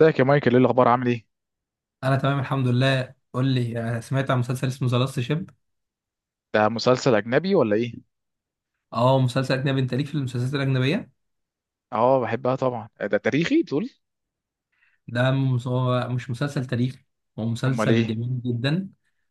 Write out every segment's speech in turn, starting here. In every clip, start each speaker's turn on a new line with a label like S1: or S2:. S1: ازيك يا مايكل؟ ايه الاخبار؟ عامل ايه؟
S2: انا تمام الحمد لله، قول لي أنا سمعت عن مسلسل اسمه ذا لاست شيب.
S1: ده مسلسل اجنبي ولا ايه؟
S2: اه، مسلسل اجنبي. انت ليك في المسلسلات الاجنبيه؟
S1: اه بحبها طبعا. ده تاريخي تقول.
S2: هو مش مسلسل تاريخي. هو
S1: امال
S2: مسلسل
S1: ايه؟
S2: جميل جدا.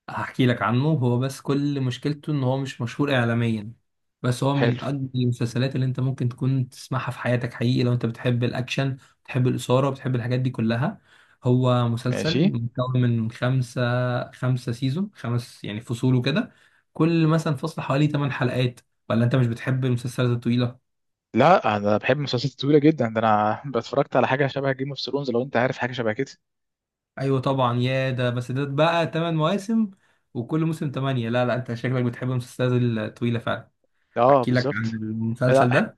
S2: هحكي لك عنه. هو بس كل مشكلته ان هو مش مشهور اعلاميا، بس هو
S1: حلو.
S2: من اجمل المسلسلات اللي انت ممكن تكون تسمعها في حياتك حقيقي، لو انت بتحب الاكشن، بتحب الاثاره، بتحب الحاجات دي كلها. هو مسلسل
S1: ماشي.
S2: مكون من خمسة سيزون، خمس يعني فصول وكده. كل مثلا فصل حوالي 8 حلقات. ولا انت مش بتحب المسلسلات الطويلة؟
S1: لا، انا بحب مسلسلات طويله جدا، ده انا اتفرجت على حاجه شبه جيم اوف ثرونز، لو انت عارف حاجه شبه كده.
S2: ايوه طبعا، يا ده بس ده بقى ثمان مواسم، وكل موسم ثمانية. لا، لا، انت شكلك بتحب المسلسلات الطويلة فعلا.
S1: اه
S2: احكي لك عن
S1: بالظبط. لا،
S2: المسلسل ده.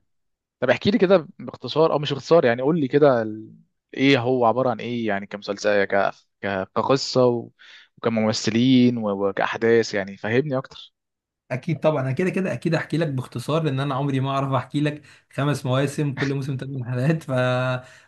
S1: طب احكي لي كده باختصار او مش باختصار، يعني قول لي كده ايه هو عباره عن ايه، يعني كمسلسل، كقصه و وكممثلين و وكاحداث يعني فهمني اكتر.
S2: اكيد طبعا، انا كده كده اكيد احكي لك باختصار، لان انا عمري ما اعرف احكي لك. خمس مواسم، كل موسم ثمان حلقات.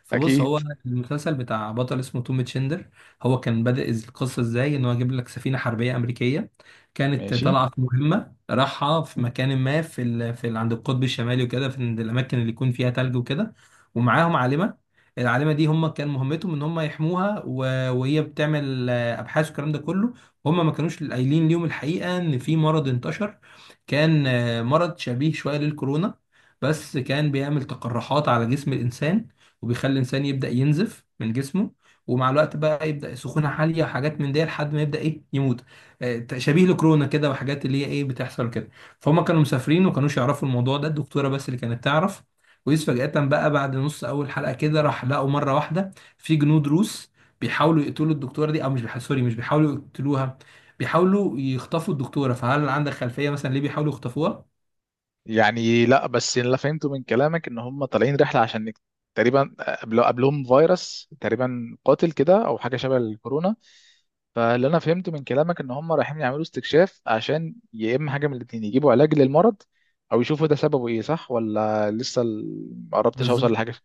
S2: فبص.
S1: اكيد.
S2: هو المسلسل بتاع بطل اسمه توم تشندر. هو كان بدأ القصه ازاي ان هو جاب لك سفينه حربيه امريكيه، كانت
S1: ماشي.
S2: طالعه في مهمه، راحها في مكان ما عند القطب الشمالي وكده، في عند الاماكن اللي يكون فيها ثلج وكده. ومعاهم عالمه. العالمه دي هم كان مهمتهم ان هم يحموها، وهي بتعمل ابحاث والكلام ده كله. هم ما كانوش قايلين ليهم الحقيقة، ان في مرض انتشر، كان مرض شبيه شوية للكورونا. بس كان بيعمل تقرحات على جسم الانسان، وبيخلي الانسان يبدأ ينزف من جسمه، ومع الوقت بقى يبدأ سخونة عالية وحاجات من دي لحد ما يبدأ ايه، يموت. شبيه لكورونا كده، وحاجات اللي هي ايه، بتحصل كده. فهم كانوا مسافرين وما كانوش يعرفوا الموضوع ده، الدكتورة بس اللي كانت تعرف. ويس فجأة بقى، بعد نص أول حلقة كده، راح لقوا مرة واحدة في جنود روس بيحاولوا يقتلوا الدكتورة دي. أو مش بيحاولوا، سوري، مش بيحاولوا يقتلوها، بيحاولوا يخطفوا الدكتورة. فهل عندك خلفية مثلا ليه بيحاولوا يخطفوها؟
S1: يعني لا، بس اللي فهمته من كلامك ان هم طالعين رحله عشان تقريبا قبلهم فيروس تقريبا قاتل كده، او حاجه شبه الكورونا. فاللي انا فهمته من كلامك ان هم رايحين يعملوا استكشاف عشان يا اما حاجه من الاتنين يجيبوا علاج للمرض، او يشوفوا ده سببه ايه. صح ولا لسه ما قربتش اوصل
S2: بالظبط.
S1: لحاجه؟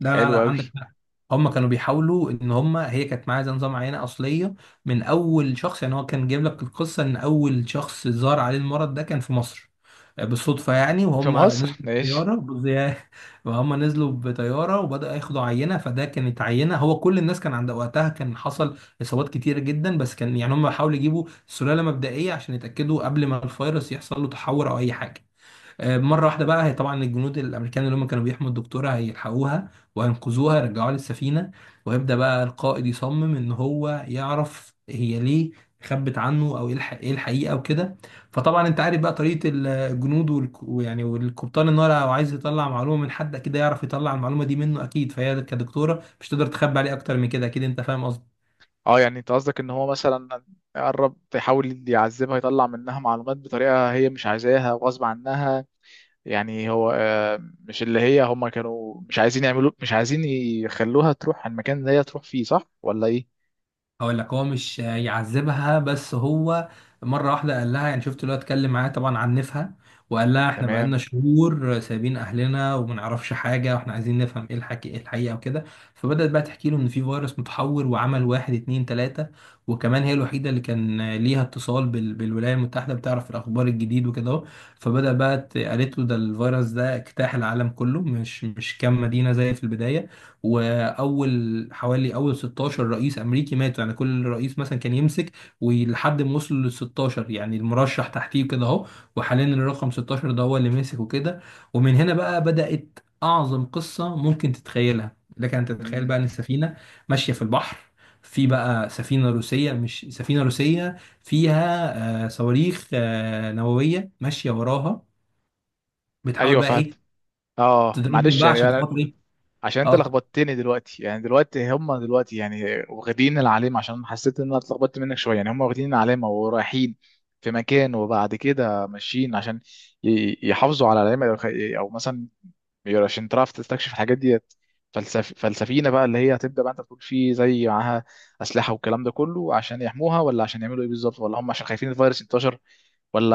S2: لا، لا،
S1: حلو
S2: لا،
S1: قوي.
S2: عندك حق. هم كانوا بيحاولوا ان هم، هي كانت معاها زي نظام عينة اصلية من اول شخص. يعني هو كان جايب لك القصة ان اول شخص ظهر عليه المرض ده كان في مصر، بالصدفة يعني.
S1: في
S2: وهم
S1: مصر
S2: نزلوا
S1: ماشي.
S2: بطيارة وهم نزلوا بطيارة وبدأوا ياخدوا عينة. فده كانت عينة. هو كل الناس كان، عند وقتها كان حصل إصابات كتيرة جدا، بس كان يعني هم بيحاولوا يجيبوا سلالة مبدئية عشان يتأكدوا قبل ما الفيروس يحصل له تحور أو أي حاجة. مرة واحدة بقى، هي طبعا الجنود الأمريكان اللي هم كانوا بيحموا الدكتورة هيلحقوها وهينقذوها، يرجعوها للسفينة. ويبدأ بقى القائد يصمم إن هو يعرف هي ليه خبت عنه، أو إيه إيه الحقيقة وكده. فطبعا أنت عارف بقى طريقة الجنود ويعني والقبطان، إن هو لو عايز يطلع معلومة من حد كده، يعرف يطلع المعلومة دي منه أكيد. فهي كدكتورة مش تقدر تخبي عليه أكتر من كده، أكيد أنت فاهم.
S1: اه، يعني انت قصدك ان هو مثلا يقرب يحاول يعذبها، يطلع منها معلومات بطريقه هي مش عايزاها وغصب عنها. يعني هو مش اللي هي، هم كانوا مش عايزين يخلوها تروح على المكان اللي هي تروح فيه. صح ولا ايه؟
S2: هقول لك، هو مش يعذبها، بس هو مره واحده قال لها، يعني شفت اللي هو اتكلم معاها، طبعا عنفها، وقال لها احنا
S1: تمام.
S2: بقالنا شهور سايبين اهلنا وما نعرفش حاجه، واحنا عايزين نفهم ايه الحكي، ايه الحقيقه وكده. فبدات بقى تحكي له ان في فيروس متحور، وعمل واحد اتنين تلاته. وكمان هي الوحيده اللي كان ليها اتصال بالولايات المتحده، بتعرف الاخبار الجديد وكده اهو. فبدا بقى قالت له ده الفيروس ده اجتاح العالم كله، مش كام مدينه زي في البدايه. حوالي اول 16 رئيس امريكي ماتوا، يعني كل رئيس مثلا كان يمسك ولحد ما وصل لل 16، يعني المرشح تحتيه كده اهو. وحاليا الرقم 16 ده هو اللي ماسك وكده. ومن هنا بقى بدأت اعظم قصة ممكن تتخيلها. لك ان تتخيل
S1: مم.
S2: بقى ان السفينة ماشية في البحر، في بقى سفينة روسية، مش سفينة روسية، فيها صواريخ نووية ماشية وراها، بتحاول
S1: ايوه
S2: بقى ايه،
S1: فهمت. اه
S2: تضربهم
S1: معلش،
S2: بقى
S1: يعني
S2: عشان
S1: انا
S2: خاطر ايه.
S1: عشان انت
S2: اه.
S1: لخبطتني دلوقتي، يعني دلوقتي هم دلوقتي يعني واخدين العلامه، عشان حسيت ان انا اتلخبطت منك شويه. يعني هم واخدين العلامه ورايحين في مكان، وبعد كده ماشيين عشان يحافظوا على العلامه، أو مثلا بيقول عشان تعرف تستكشف الحاجات ديت. فلسفينا بقى اللي هي هتبدا، بقى انت بتقول فيه زي معاها اسلحه والكلام ده كله، عشان يحموها ولا عشان يعملوا ايه بالظبط؟ ولا هم عشان خايفين الفيروس ينتشر؟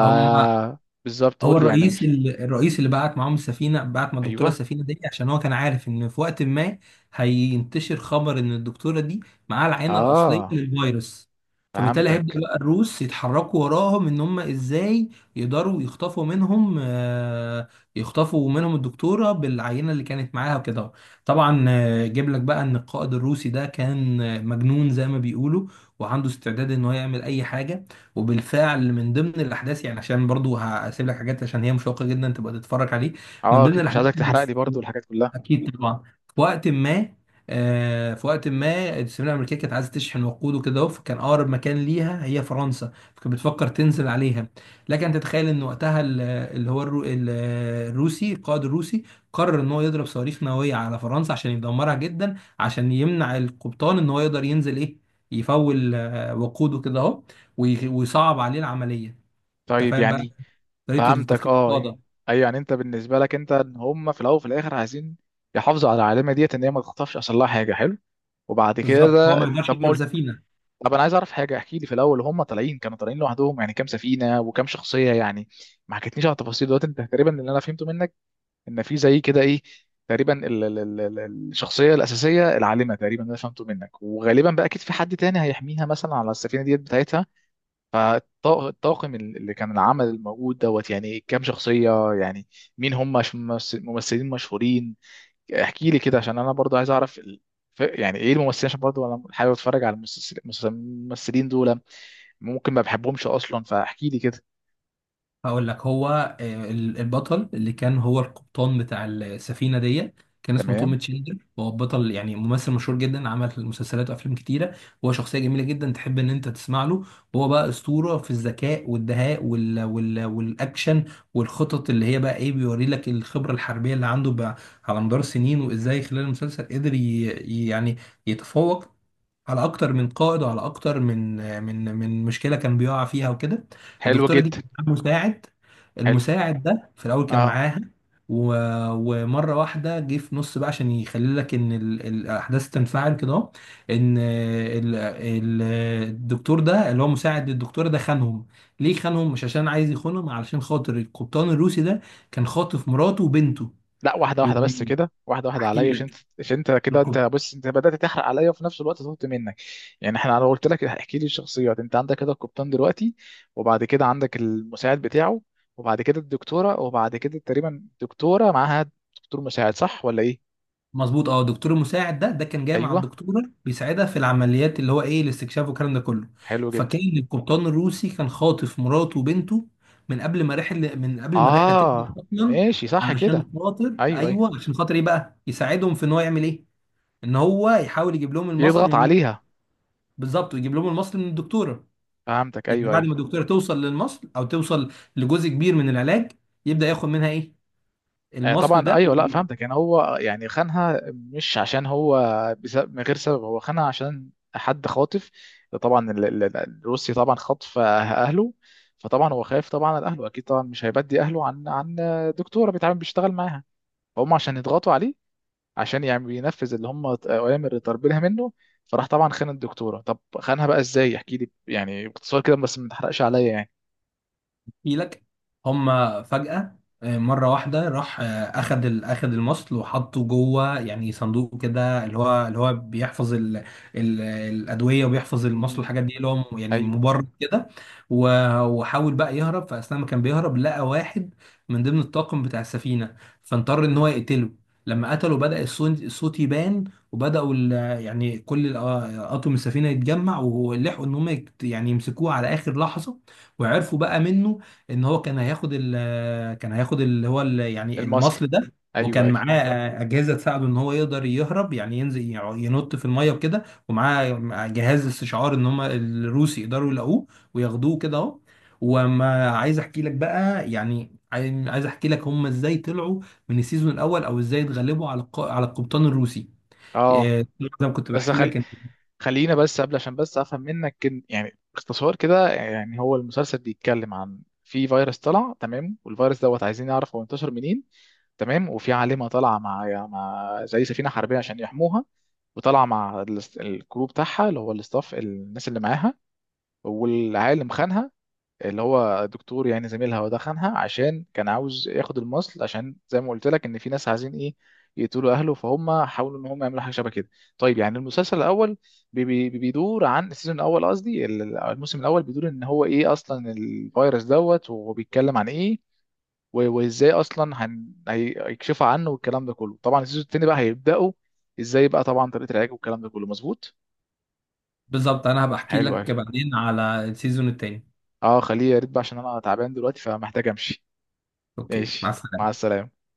S2: هم
S1: بالظبط،
S2: هو
S1: قول لي، يعني انا
S2: الرئيس،
S1: مش.
S2: الرئيس اللي بعت معاهم السفينه، بعت مع الدكتوره
S1: ايوه.
S2: السفينه دي عشان هو كان عارف ان في وقت ما هينتشر خبر ان الدكتوره دي معاها العينه الاصليه
S1: اه
S2: للفيروس. فبالتالي هيبدا
S1: فهمتك.
S2: بقى الروس يتحركوا وراهم، ان هم ازاي يقدروا يخطفوا منهم، يخطفوا منهم الدكتوره بالعينه اللي كانت معاها وكده. طبعا، جيب لك بقى ان القائد الروسي ده كان مجنون زي ما بيقولوا، وعنده استعداد ان هو يعمل اي حاجه. وبالفعل من ضمن الاحداث، يعني عشان برضو هسيب لك حاجات عشان هي مشوقه جدا تبقى تتفرج عليه، من
S1: اه
S2: ضمن
S1: كنت مش عايزك
S2: الاحداث اللي
S1: تحرق
S2: في-
S1: لي برضو الحاجات كلها.
S2: اكيد طبعا، في وقت ما، في وقت ما السفينه الامريكيه كانت عايزه تشحن وقود وكده أهو، فكان اقرب مكان ليها هي فرنسا، فكانت بتفكر تنزل عليها. لكن تتخيل ان وقتها ال- اللي هو الرو... ال- القائد الروسي قرر ان هو يضرب صواريخ نوويه على فرنسا، عشان يدمرها جدا، عشان يمنع القبطان ان هو يقدر ينزل ايه، يفول وقوده كده اهو، ويصعب عليه العمليه. انت
S1: طيب
S2: فاهم بقى
S1: يعني.
S2: طريقه
S1: فهمتك
S2: التفكير
S1: اه.
S2: القاده.
S1: ايوه، يعني انت بالنسبه لك انت، ان هم في الاول وفي الاخر عايزين يحافظوا على العالمه ديت ان هي ما تخطفش، اصل لها حاجه حلو. وبعد
S2: بالظبط، هو
S1: كده
S2: ما يقدرش
S1: طب ما
S2: يضرب
S1: قلت.
S2: سفينه.
S1: طب انا عايز اعرف حاجه، احكي لي في الاول، هم طالعين كانوا طالعين لوحدهم، يعني كام سفينه وكام شخصيه يعني؟ ما حكيتنيش على التفاصيل دلوقتي. انت تقريبا اللي انا فهمته منك ان في زي كده ايه، تقريبا الشخصيه الاساسيه العالمه، تقريبا انا فهمته منك. وغالبا بقى اكيد في حد تاني هيحميها مثلا على السفينه ديت بتاعتها. فالطاقم اللي كان العمل الموجود دوت، يعني كام شخصيه يعني؟ مين هم؟ ممثلين مشهورين؟ احكي لي كده عشان انا برضو عايز اعرف يعني ايه الممثلين، عشان برضو انا حابب اتفرج على المسلسلين دول. ممكن ما بحبهمش اصلا، فاحكي لي كده.
S2: هقول لك، هو البطل اللي كان هو القبطان بتاع السفينه دي كان اسمه توم
S1: تمام.
S2: تشيلدر. هو بطل يعني ممثل مشهور جدا، عمل مسلسلات وافلام كتيره. هو شخصيه جميله جدا تحب ان انت تسمع له. هو بقى اسطوره في الذكاء والدهاء والاكشن والخطط، اللي هي بقى ايه، بيوري لك الخبره الحربيه اللي عنده بقى على مدار السنين، وازاي خلال المسلسل قدر يعني يتفوق على اكتر من قائد، وعلى اكتر من مشكله كان بيقع فيها وكده.
S1: حلو
S2: الدكتوره دي
S1: جدا.
S2: كان معاها مساعد.
S1: حلو.
S2: المساعد ده في الاول كان
S1: اه.
S2: معاها، و... ومره واحده جه في نص بقى عشان يخلي لك ان الاحداث تنفعل كده أهو، ان الدكتور ده اللي هو مساعد الدكتوره ده خانهم. ليه خانهم؟ مش عشان عايز يخونهم، علشان خاطر القبطان الروسي ده كان خاطف مراته وبنته،
S1: لا، واحده واحده بس
S2: وبيحكي
S1: كده، واحده واحده عليا، عشان انت كده، انت
S2: لك،
S1: بص انت بدات تحرق عليا، وفي نفس الوقت طلبت منك. يعني انا قلت لك احكي لي الشخصيات. انت عندك كده القبطان دلوقتي، وبعد كده عندك المساعد بتاعه، وبعد كده الدكتوره، وبعد كده تقريبا دكتوره معاها دكتور مساعد. صح ولا ايه؟
S2: مظبوط. اه، الدكتور المساعد ده كان جاي مع
S1: ايوه.
S2: الدكتوره بيساعدها في العمليات، اللي هو ايه، الاستكشاف والكلام ده كله.
S1: حلو جدا.
S2: فكان القبطان الروسي كان خاطف مراته وبنته من قبل ما الرحله تبدا
S1: اه.
S2: اصلا،
S1: ماشي صح كده.
S2: علشان خاطر
S1: ايوه ايوه.
S2: ايوه، عشان خاطر ايه بقى يساعدهم في ان هو يعمل ايه، ان هو يحاول يجيب لهم المصل
S1: يضغط
S2: من مين.
S1: عليها.
S2: بالظبط، ويجيب لهم المصل من الدكتوره.
S1: فهمتك،
S2: يعني
S1: ايوه
S2: بعد ما
S1: ايوه.
S2: الدكتوره توصل للمصل، او توصل لجزء كبير من العلاج، يبدا ياخد منها ايه، المصل
S1: طبعا
S2: ده.
S1: ايوه، لا فهمتك. يعني هو يعني خانها مش عشان هو من غير سبب. هو خانها عشان حد خاطف. طبعا الروسي طبعا خاطف اهله، فطبعا هو خايف طبعا على اهله، اكيد طبعا مش هيبدي اهله عن دكتوره بيتعامل بيشتغل معاها. فهم عشان يضغطوا عليه، عشان يعني بينفذ اللي هم اوامر اللي طالبينها منه. فراح طبعا خان الدكتوره. طب خانها بقى ازاي؟ احكي لي يعني باختصار كده، بس ما تحرقش عليا يعني.
S2: احكي لك، هما فجأة، مرة واحدة راح أخد المصل، وحطه جوه يعني صندوق كده، اللي هو بيحفظ ال الأدوية، وبيحفظ المصل
S1: امم
S2: والحاجات دي، اللي هو يعني
S1: ايوه.
S2: مبرد كده. وحاول بقى يهرب، فأثناء ما كان بيهرب لقى واحد من ضمن الطاقم بتاع السفينة، فاضطر إن هو يقتله. لما قتله بدأ الصوت يبان، وبدأوا يعني أطقم السفينة يتجمع، ولحقوا إن هم يعني يمسكوه على آخر لحظة. وعرفوا بقى منه ان هو كان هياخد اللي هو يعني
S1: المصل.
S2: المصل ده.
S1: ايوه
S2: وكان
S1: ايوه.
S2: معاه اجهزه تساعده ان هو يقدر يهرب، يعني ينزل ينط في الميه وكده، ومعاه جهاز استشعار ان هم الروس يقدروا يلاقوه وياخدوه كده اهو. وما عايز احكي لك بقى، يعني عايز احكي لك هم ازاي طلعوا من السيزون الاول، او ازاي اتغلبوا على على القبطان الروسي.
S1: اه.
S2: زي ما كنت
S1: بس
S2: بحكي
S1: خل...
S2: لك.
S1: خلينا بس قبل، عشان بس افهم منك يعني باختصار كده، يعني هو المسلسل بيتكلم عن في فيروس طلع. تمام. والفيروس دوت عايزين نعرف هو انتشر منين. تمام. وفي عالمة طالعة مع زي سفينة حربية عشان يحموها، وطالعة مع الكروب بتاعها اللي هو الاستاف، الناس اللي معاها. والعالم خانها، اللي هو دكتور يعني زميلها، ودخنها عشان كان عاوز ياخد المصل، عشان زي ما قلت لك ان في ناس عايزين ايه يقتلوا اهله، فهم حاولوا ان هم يعملوا حاجه شبه كده. طيب يعني المسلسل الاول، بي بي بيدور عن السيزون الاول. قصدي الموسم الاول بيدور ان هو ايه اصلا الفيروس دوت، وهو بيتكلم عن ايه، وازاي اصلا هيكشفوا عنه والكلام ده كله. طبعا السيزون التاني بقى هيبداوا ازاي، بقى طبعا طريقه العلاج والكلام ده كله. مظبوط.
S2: بالظبط، انا هبقى احكي
S1: حلو أوي.
S2: لك بعدين على السيزون التاني.
S1: اه، خليه يا ريت بقى، عشان انا تعبان دلوقتي فمحتاج امشي.
S2: اوكي، مع
S1: ماشي، مع
S2: السلامه.
S1: السلامه.